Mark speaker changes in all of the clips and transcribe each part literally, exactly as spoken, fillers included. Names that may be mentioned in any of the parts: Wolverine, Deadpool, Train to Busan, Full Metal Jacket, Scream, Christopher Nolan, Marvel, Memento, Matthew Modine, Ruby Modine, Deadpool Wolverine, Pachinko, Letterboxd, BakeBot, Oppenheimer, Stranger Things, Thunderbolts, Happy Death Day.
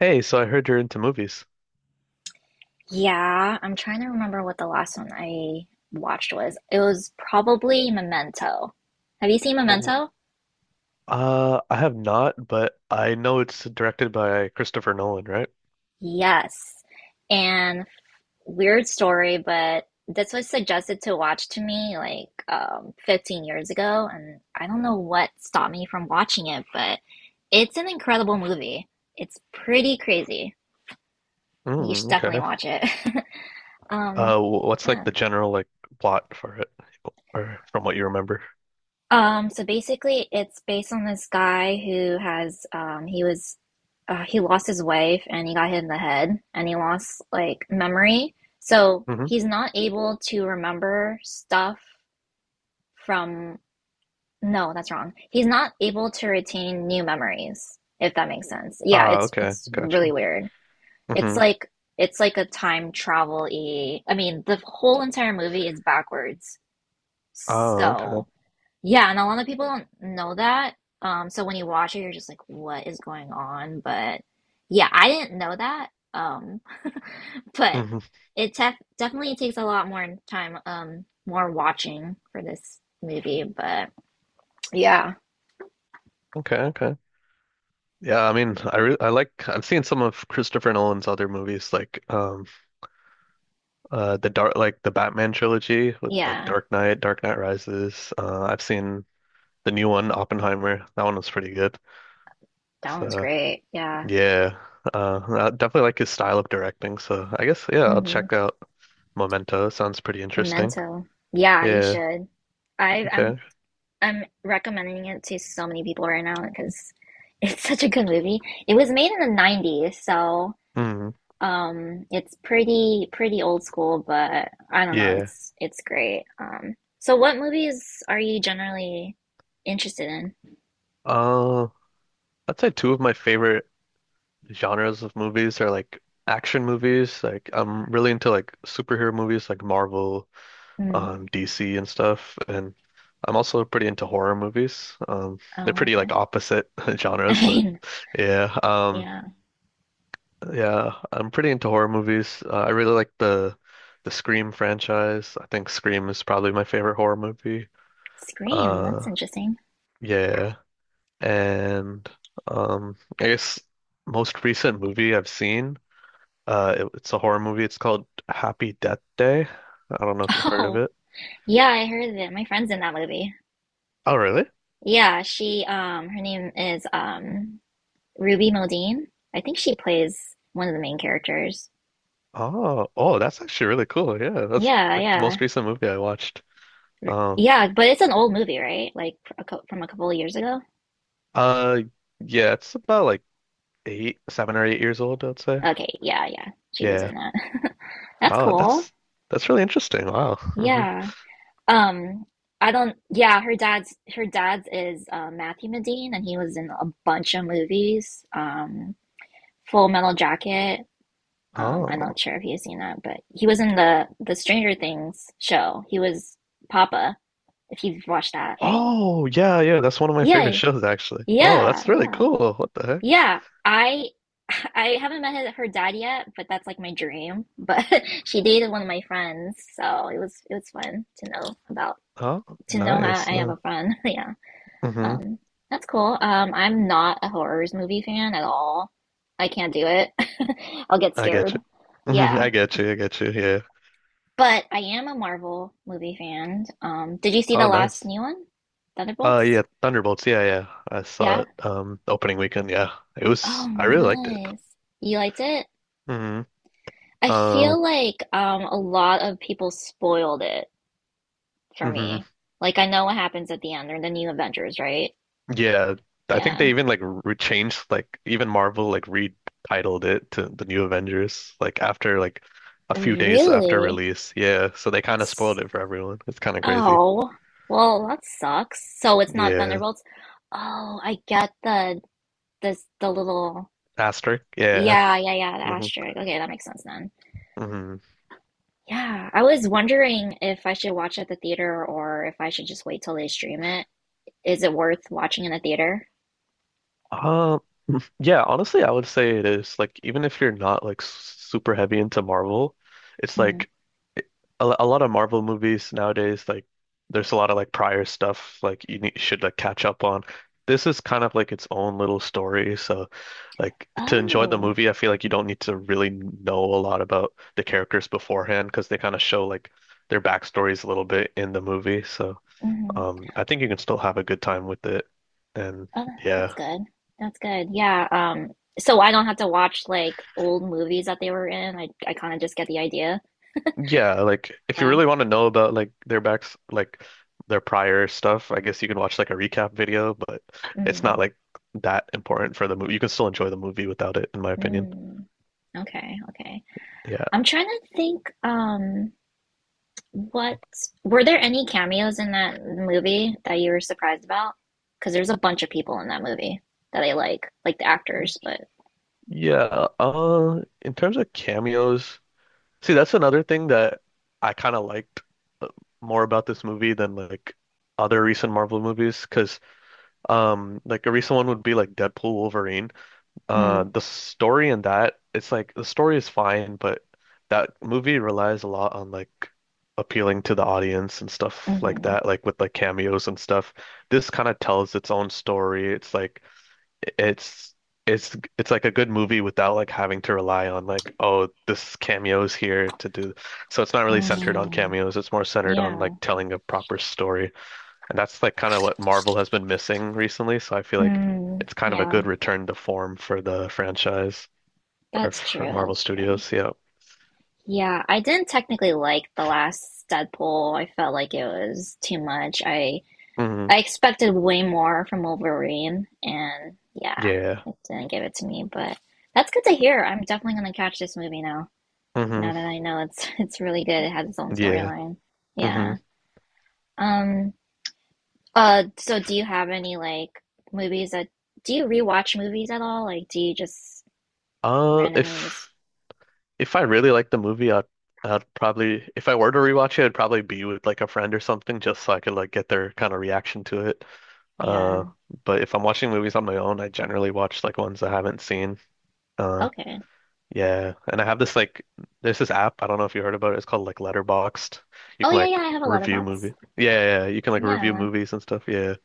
Speaker 1: Hey, so I heard you're into movies.
Speaker 2: Yeah, I'm trying to remember what the last one I watched was. It was probably Memento. Have you seen
Speaker 1: Oh,
Speaker 2: Memento?
Speaker 1: uh, I have not, but I know it's directed by Christopher Nolan, right?
Speaker 2: Yes. And weird story, but this was suggested to watch to me like um, fifteen years ago, and I don't know what stopped me from watching it, but it's an incredible movie. It's pretty crazy. You should
Speaker 1: Mm,
Speaker 2: definitely
Speaker 1: okay.
Speaker 2: watch it. Um,
Speaker 1: Uh, wh- what's like
Speaker 2: yeah.
Speaker 1: the general like plot for it, or from what you remember?
Speaker 2: Um, so basically, it's based on this guy who has um, he was uh, he lost his wife and he got hit in the head and he lost like memory. So
Speaker 1: Hmm
Speaker 2: he's not able to remember stuff from. No, that's wrong. He's not able to retain new memories, if that makes sense. Yeah,
Speaker 1: Ah,
Speaker 2: it's
Speaker 1: okay,
Speaker 2: it's really
Speaker 1: gotcha.
Speaker 2: weird. It's
Speaker 1: Hmm
Speaker 2: like it's like a time travel-y. I mean, the whole entire movie is backwards.
Speaker 1: Oh, okay.
Speaker 2: So. Yeah, and a lot of people don't know that. Um, so when you watch it, you're just like, what is going on? But yeah, I didn't know that. Um, but
Speaker 1: hmm
Speaker 2: it tef definitely takes a lot more time, um, more watching for this movie. But yeah,
Speaker 1: Okay, okay. Yeah, I mean, I re I like I've seen some of Christopher Nolan's other movies, like um, uh, the dark like the Batman trilogy with like
Speaker 2: yeah,
Speaker 1: Dark Knight, Dark Knight Rises. Uh, I've seen the new one, Oppenheimer. That one was pretty good.
Speaker 2: that one's
Speaker 1: So
Speaker 2: great. Yeah.
Speaker 1: yeah, uh, I definitely like his style of directing. So I guess yeah, I'll
Speaker 2: hmm
Speaker 1: check out Memento. Sounds pretty interesting.
Speaker 2: Memento. Yeah, you
Speaker 1: Yeah.
Speaker 2: should. I I'm
Speaker 1: Okay.
Speaker 2: I'm recommending it to so many people right now because it's such a good movie. It was made in the nineties, so
Speaker 1: Mm,
Speaker 2: Um, it's pretty pretty old school, but I don't know,
Speaker 1: yeah.
Speaker 2: it's it's great. Um, so what movies are you generally interested in?
Speaker 1: Uh, I'd say two of my favorite genres of movies are like action movies. Like I'm really into like superhero movies, like Marvel,
Speaker 2: Mm.
Speaker 1: um, D C and stuff. And I'm also pretty into horror movies. Um, they're
Speaker 2: Oh,
Speaker 1: pretty like
Speaker 2: okay.
Speaker 1: opposite
Speaker 2: I
Speaker 1: genres, but
Speaker 2: mean,
Speaker 1: yeah. Um,
Speaker 2: yeah.
Speaker 1: Yeah, I'm pretty into horror movies. Uh, I really like the the Scream franchise. I think Scream is probably my favorite horror movie.
Speaker 2: Scream, that's
Speaker 1: Uh,
Speaker 2: interesting.
Speaker 1: yeah, and um, I guess most recent movie I've seen, uh, it- it's a horror movie. It's called Happy Death Day. I don't know if you heard of
Speaker 2: Oh,
Speaker 1: it.
Speaker 2: yeah, I heard that my friend's in that movie.
Speaker 1: Oh, really?
Speaker 2: Yeah, she um her name is um Ruby Modine. I think she plays one of the main characters.
Speaker 1: Oh, oh, that's actually really cool. Yeah, that's
Speaker 2: Yeah,
Speaker 1: like the
Speaker 2: yeah.
Speaker 1: most recent movie I watched. Um,
Speaker 2: Yeah, but it's an old movie, right? Like a cou- from a couple of years ago.
Speaker 1: uh, yeah, it's about like eight, seven or eight years old, I'd say.
Speaker 2: Okay, yeah, yeah. She was
Speaker 1: Yeah.
Speaker 2: in that. That's
Speaker 1: Oh,
Speaker 2: cool.
Speaker 1: that's that's really interesting. Wow. hmm
Speaker 2: Yeah. Um, I don't yeah, her dad's her dad's is uh Matthew Modine and he was in a bunch of movies. Um Full Metal Jacket. Um, I'm
Speaker 1: Oh.
Speaker 2: not sure if you've seen that, but he was in the the Stranger Things show. He was Papa, if you've watched that.
Speaker 1: Oh, yeah, yeah. That's one of my favorite
Speaker 2: Yay.
Speaker 1: shows, actually. Oh,
Speaker 2: Yeah,
Speaker 1: that's really
Speaker 2: yeah.
Speaker 1: cool. What the heck?
Speaker 2: Yeah, I I haven't met her her dad yet, but that's like my dream. But she dated one of my friends, so it was it was fun to know about
Speaker 1: Oh,
Speaker 2: to know how
Speaker 1: nice.
Speaker 2: I have
Speaker 1: No.
Speaker 2: a friend. Yeah.
Speaker 1: hmm
Speaker 2: Um, that's cool. Um, I'm not a horrors movie fan at all. I can't do it. I'll get
Speaker 1: I
Speaker 2: scared.
Speaker 1: get you. Hmm
Speaker 2: Yeah.
Speaker 1: I get you. I get you. Yeah.
Speaker 2: But I am a Marvel movie fan. Um, did you see
Speaker 1: Oh,
Speaker 2: the last
Speaker 1: nice.
Speaker 2: new one?
Speaker 1: Uh, yeah.
Speaker 2: Thunderbolts?
Speaker 1: Thunderbolts. Yeah, yeah. I saw
Speaker 2: Yeah.
Speaker 1: it. Um, opening weekend. Yeah. It
Speaker 2: Oh,
Speaker 1: was. I really liked it.
Speaker 2: nice. You liked it?
Speaker 1: Mm-hmm.
Speaker 2: I
Speaker 1: Um.
Speaker 2: feel like um a lot of people spoiled it for
Speaker 1: Mhm.
Speaker 2: me. Like I know what happens at the end. They're the new Avengers, right?
Speaker 1: Yeah, I think
Speaker 2: Yeah.
Speaker 1: they even like re changed like even Marvel like retitled it to the New Avengers like after like a few days after
Speaker 2: Really?
Speaker 1: release. Yeah, so they kind of spoiled
Speaker 2: S-
Speaker 1: it for everyone. It's kind of crazy.
Speaker 2: Oh, well, that sucks. So it's not
Speaker 1: Yeah,
Speaker 2: Thunderbolts. Oh, I get the this the little
Speaker 1: asterisk. Yeah.
Speaker 2: yeah, yeah, yeah, the
Speaker 1: hmm
Speaker 2: asterisk. Okay, that makes sense then.
Speaker 1: hmm
Speaker 2: Yeah, I was wondering if I should watch at the theater or if I should just wait till they stream it. Is it worth watching in the theater?
Speaker 1: Uh, yeah, honestly, I would say it is. Like, even if you're not like super heavy into Marvel, it's
Speaker 2: Mhm.
Speaker 1: like it, a, lo- a lot of Marvel movies nowadays, like there's a lot of like prior stuff like you need, should like catch up on. This is kind of like its own little story, so like to enjoy the
Speaker 2: Oh.
Speaker 1: movie, I feel like you don't need to really know a lot about the characters beforehand because they kind of show like their backstories a little bit in the movie. So,
Speaker 2: Mm-hmm.
Speaker 1: um, I think you can still have a good time with it. And
Speaker 2: Oh, tha- that's
Speaker 1: yeah.
Speaker 2: good. That's good. Yeah. Um, so I don't have to watch like old movies that they were in. I I kind of just get the idea.
Speaker 1: Yeah, like if you
Speaker 2: Yeah.
Speaker 1: really want to know about like their backs, like their prior stuff, I guess you can watch like a recap video, but it's
Speaker 2: Mm,
Speaker 1: not like that important for the movie. You can still enjoy the movie without it, in my opinion.
Speaker 2: mm. Okay, okay.
Speaker 1: Yeah.
Speaker 2: I'm trying to think, um, what were there any cameos in that movie that you were surprised about? Because there's a bunch of people in that movie that I like, like the actors, but
Speaker 1: Yeah. Uh, in terms of cameos, see, that's another thing that I kind of liked uh, more about this movie than like other recent Marvel movies, because um, like a recent one would be like Deadpool Wolverine.
Speaker 2: mm,
Speaker 1: Uh, the story in that, it's like the story is fine, but that movie relies a lot on like appealing to the audience and stuff like
Speaker 2: hmm
Speaker 1: that, like with like cameos and stuff. This kind of tells its own story. It's like it's it's it's like a good movie without like having to rely on like, oh, this cameo's here to do. So it's not really centered on
Speaker 2: mm,
Speaker 1: cameos. It's more centered on
Speaker 2: yeah.
Speaker 1: like telling a proper story. And that's like kind of what Marvel has been missing recently. So I feel like
Speaker 2: Mm,
Speaker 1: it's kind of a
Speaker 2: yeah,
Speaker 1: good return to form for the franchise or
Speaker 2: that's
Speaker 1: for
Speaker 2: true,
Speaker 1: Marvel
Speaker 2: that's true.
Speaker 1: Studios. Yeah.
Speaker 2: Yeah, I didn't technically like the last Deadpool. I felt like it was too much. I
Speaker 1: hmm
Speaker 2: I expected way more from Wolverine, and yeah,
Speaker 1: Yeah.
Speaker 2: it didn't give it to me. But that's good to hear. I'm definitely gonna catch this movie now.
Speaker 1: hmm
Speaker 2: Now that I know it's it's really good. It has its own
Speaker 1: Yeah.
Speaker 2: storyline.
Speaker 1: hmm
Speaker 2: Yeah. Um. Uh. So, do you have any like movies that do you rewatch movies at all? Like, do you just
Speaker 1: Uh,
Speaker 2: randomly just
Speaker 1: if if I really like the movie, I'd I'd probably if I were to rewatch it, it'd probably be with like a friend or something, just so I could like get their kind of reaction to it. Uh,
Speaker 2: yeah?
Speaker 1: but if I'm watching movies on my own, I generally watch like ones I haven't seen. Uh,
Speaker 2: Okay.
Speaker 1: Yeah, and I have this like there's this app, I don't know if you heard about it. It's called like Letterboxd. You
Speaker 2: Oh
Speaker 1: can
Speaker 2: yeah, yeah.
Speaker 1: like
Speaker 2: I have a
Speaker 1: review
Speaker 2: letterbox.
Speaker 1: movie. Yeah, yeah, yeah, you can like review
Speaker 2: Yeah.
Speaker 1: movies and stuff. Yeah.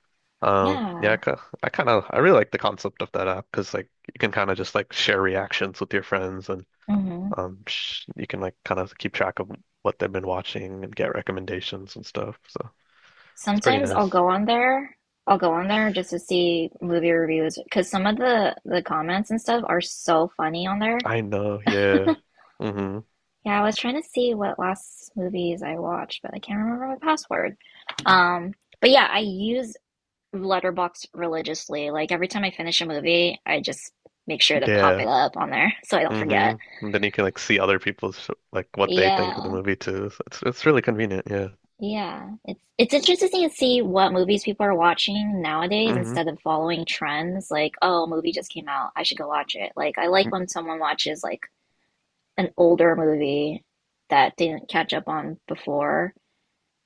Speaker 1: Um, yeah,
Speaker 2: Yeah.
Speaker 1: I, ki- I kind of I really like the concept of that app because like you can kind of just like share reactions with your friends and
Speaker 2: hmm
Speaker 1: um sh you can like kind of keep track of what they've been watching and get recommendations and stuff. So, it's pretty
Speaker 2: Sometimes I'll
Speaker 1: nice.
Speaker 2: go on there. I'll go on there just to see movie reviews because some of the the comments and stuff are so funny on there.
Speaker 1: I know, yeah. hmm
Speaker 2: Yeah, I was trying to see what last movies I watched, but I can't remember my password. Um, but yeah, I use Letterboxd religiously. Like every time I finish a movie, I just make sure to pop it
Speaker 1: Yeah.
Speaker 2: up on there so I don't forget.
Speaker 1: Mm-hmm. And then you can like see other people's like what they think of the
Speaker 2: Yeah.
Speaker 1: movie too. So it's it's really convenient, yeah.
Speaker 2: Yeah, it's it's interesting to see what movies people are watching nowadays
Speaker 1: hmm
Speaker 2: instead of following trends. Like, oh, a movie just came out, I should go watch it. Like, I like when someone watches like an older movie that didn't catch up on before.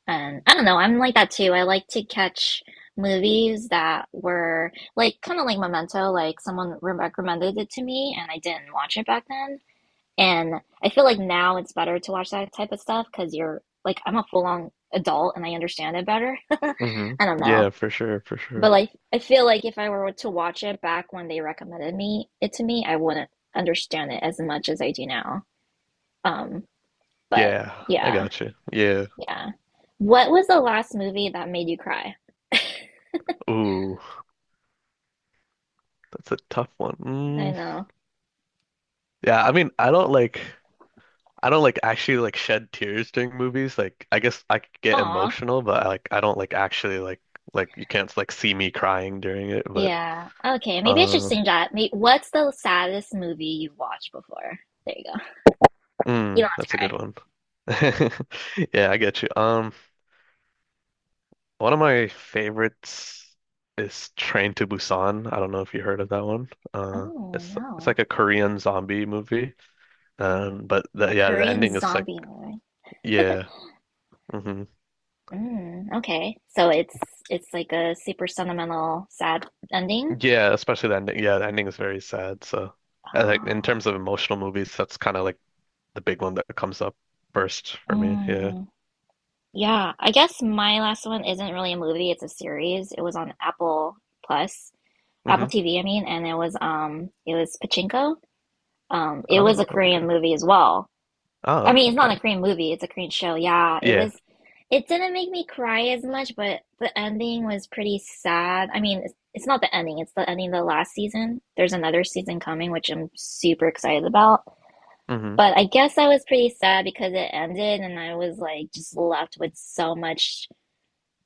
Speaker 2: And I don't know, I'm like that too. I like to catch movies that were like kind of like Memento, like someone re- recommended it to me and I didn't watch it back then. And I feel like now it's better to watch that type of stuff because you're like, I'm a full on adult and I understand it better.
Speaker 1: hmm
Speaker 2: I don't know.
Speaker 1: Yeah, for sure, for
Speaker 2: But
Speaker 1: sure.
Speaker 2: like, I feel like if I were to watch it back when they recommended me it to me, I wouldn't understand it as much as I do now. Um, but
Speaker 1: Yeah, I
Speaker 2: yeah,
Speaker 1: got you. Yeah.
Speaker 2: yeah. What was the last movie that made you cry?
Speaker 1: Ooh, that's a tough one.
Speaker 2: I
Speaker 1: Mm.
Speaker 2: know.
Speaker 1: Yeah, I mean, I don't like I don't like actually like shed tears during movies. Like I guess I could get
Speaker 2: Aw.
Speaker 1: emotional, but I like I don't like actually like like you can't like see me crying during it, but
Speaker 2: Yeah. Okay. Maybe I should
Speaker 1: uh
Speaker 2: sing that. May What's the saddest movie you've watched before? There you go. You
Speaker 1: mm,
Speaker 2: don't have to
Speaker 1: that's a good
Speaker 2: cry.
Speaker 1: one. Yeah, I get you. Um One of my favorites is Train to Busan. I don't know if you heard of that one. Uh,
Speaker 2: Oh,
Speaker 1: it's it's
Speaker 2: no.
Speaker 1: like a Korean zombie movie. Um, but
Speaker 2: A
Speaker 1: the, yeah, the
Speaker 2: Korean
Speaker 1: ending is like
Speaker 2: zombie movie.
Speaker 1: yeah, hmm
Speaker 2: Mm, okay. So it's it's like a super sentimental, sad ending.
Speaker 1: yeah, especially the ending. Yeah, the ending is very sad. So, I like in terms
Speaker 2: Oh.
Speaker 1: of emotional movies, that's kind of like the big one that comes up first for me. Yeah.
Speaker 2: Mm, yeah, I guess my last one isn't really a movie, it's a series. It was on Apple Plus, Apple
Speaker 1: hmm
Speaker 2: T V, I mean, and it was um it was Pachinko. Um, it
Speaker 1: Oh,
Speaker 2: was a
Speaker 1: okay.
Speaker 2: Korean movie as well. I
Speaker 1: Oh,
Speaker 2: mean, it's not a
Speaker 1: okay.
Speaker 2: Korean movie, it's a Korean show. Yeah, it
Speaker 1: Yeah.
Speaker 2: was it didn't make me cry as much, but the ending was pretty sad. I mean, it's, it's not the ending, it's the ending of the last season. There's another season coming, which I'm super excited about.
Speaker 1: hmm
Speaker 2: But I guess I was pretty sad because it ended and I was like just left with so much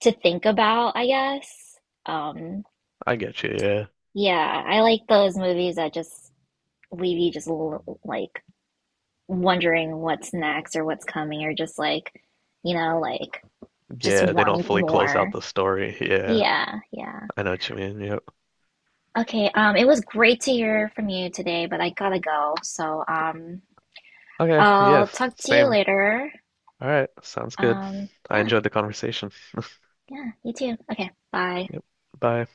Speaker 2: to think about, I guess. Um,
Speaker 1: I get you. Yeah.
Speaker 2: yeah, I like those movies that just leave you just l- like wondering what's next or what's coming or just like, you know, like just
Speaker 1: Yeah. They don't
Speaker 2: wanting
Speaker 1: fully close out
Speaker 2: more.
Speaker 1: the story. Yeah.
Speaker 2: Yeah, yeah.
Speaker 1: I know what you mean. Yep.
Speaker 2: Okay, um, it was great to hear from you today, but I gotta go. So, um,
Speaker 1: Okay,
Speaker 2: I'll
Speaker 1: yes,
Speaker 2: talk to you
Speaker 1: same.
Speaker 2: later.
Speaker 1: All right, sounds good.
Speaker 2: Um,
Speaker 1: I
Speaker 2: yeah,
Speaker 1: enjoyed the conversation.
Speaker 2: yeah, you too. Okay, bye.
Speaker 1: Yep. Bye.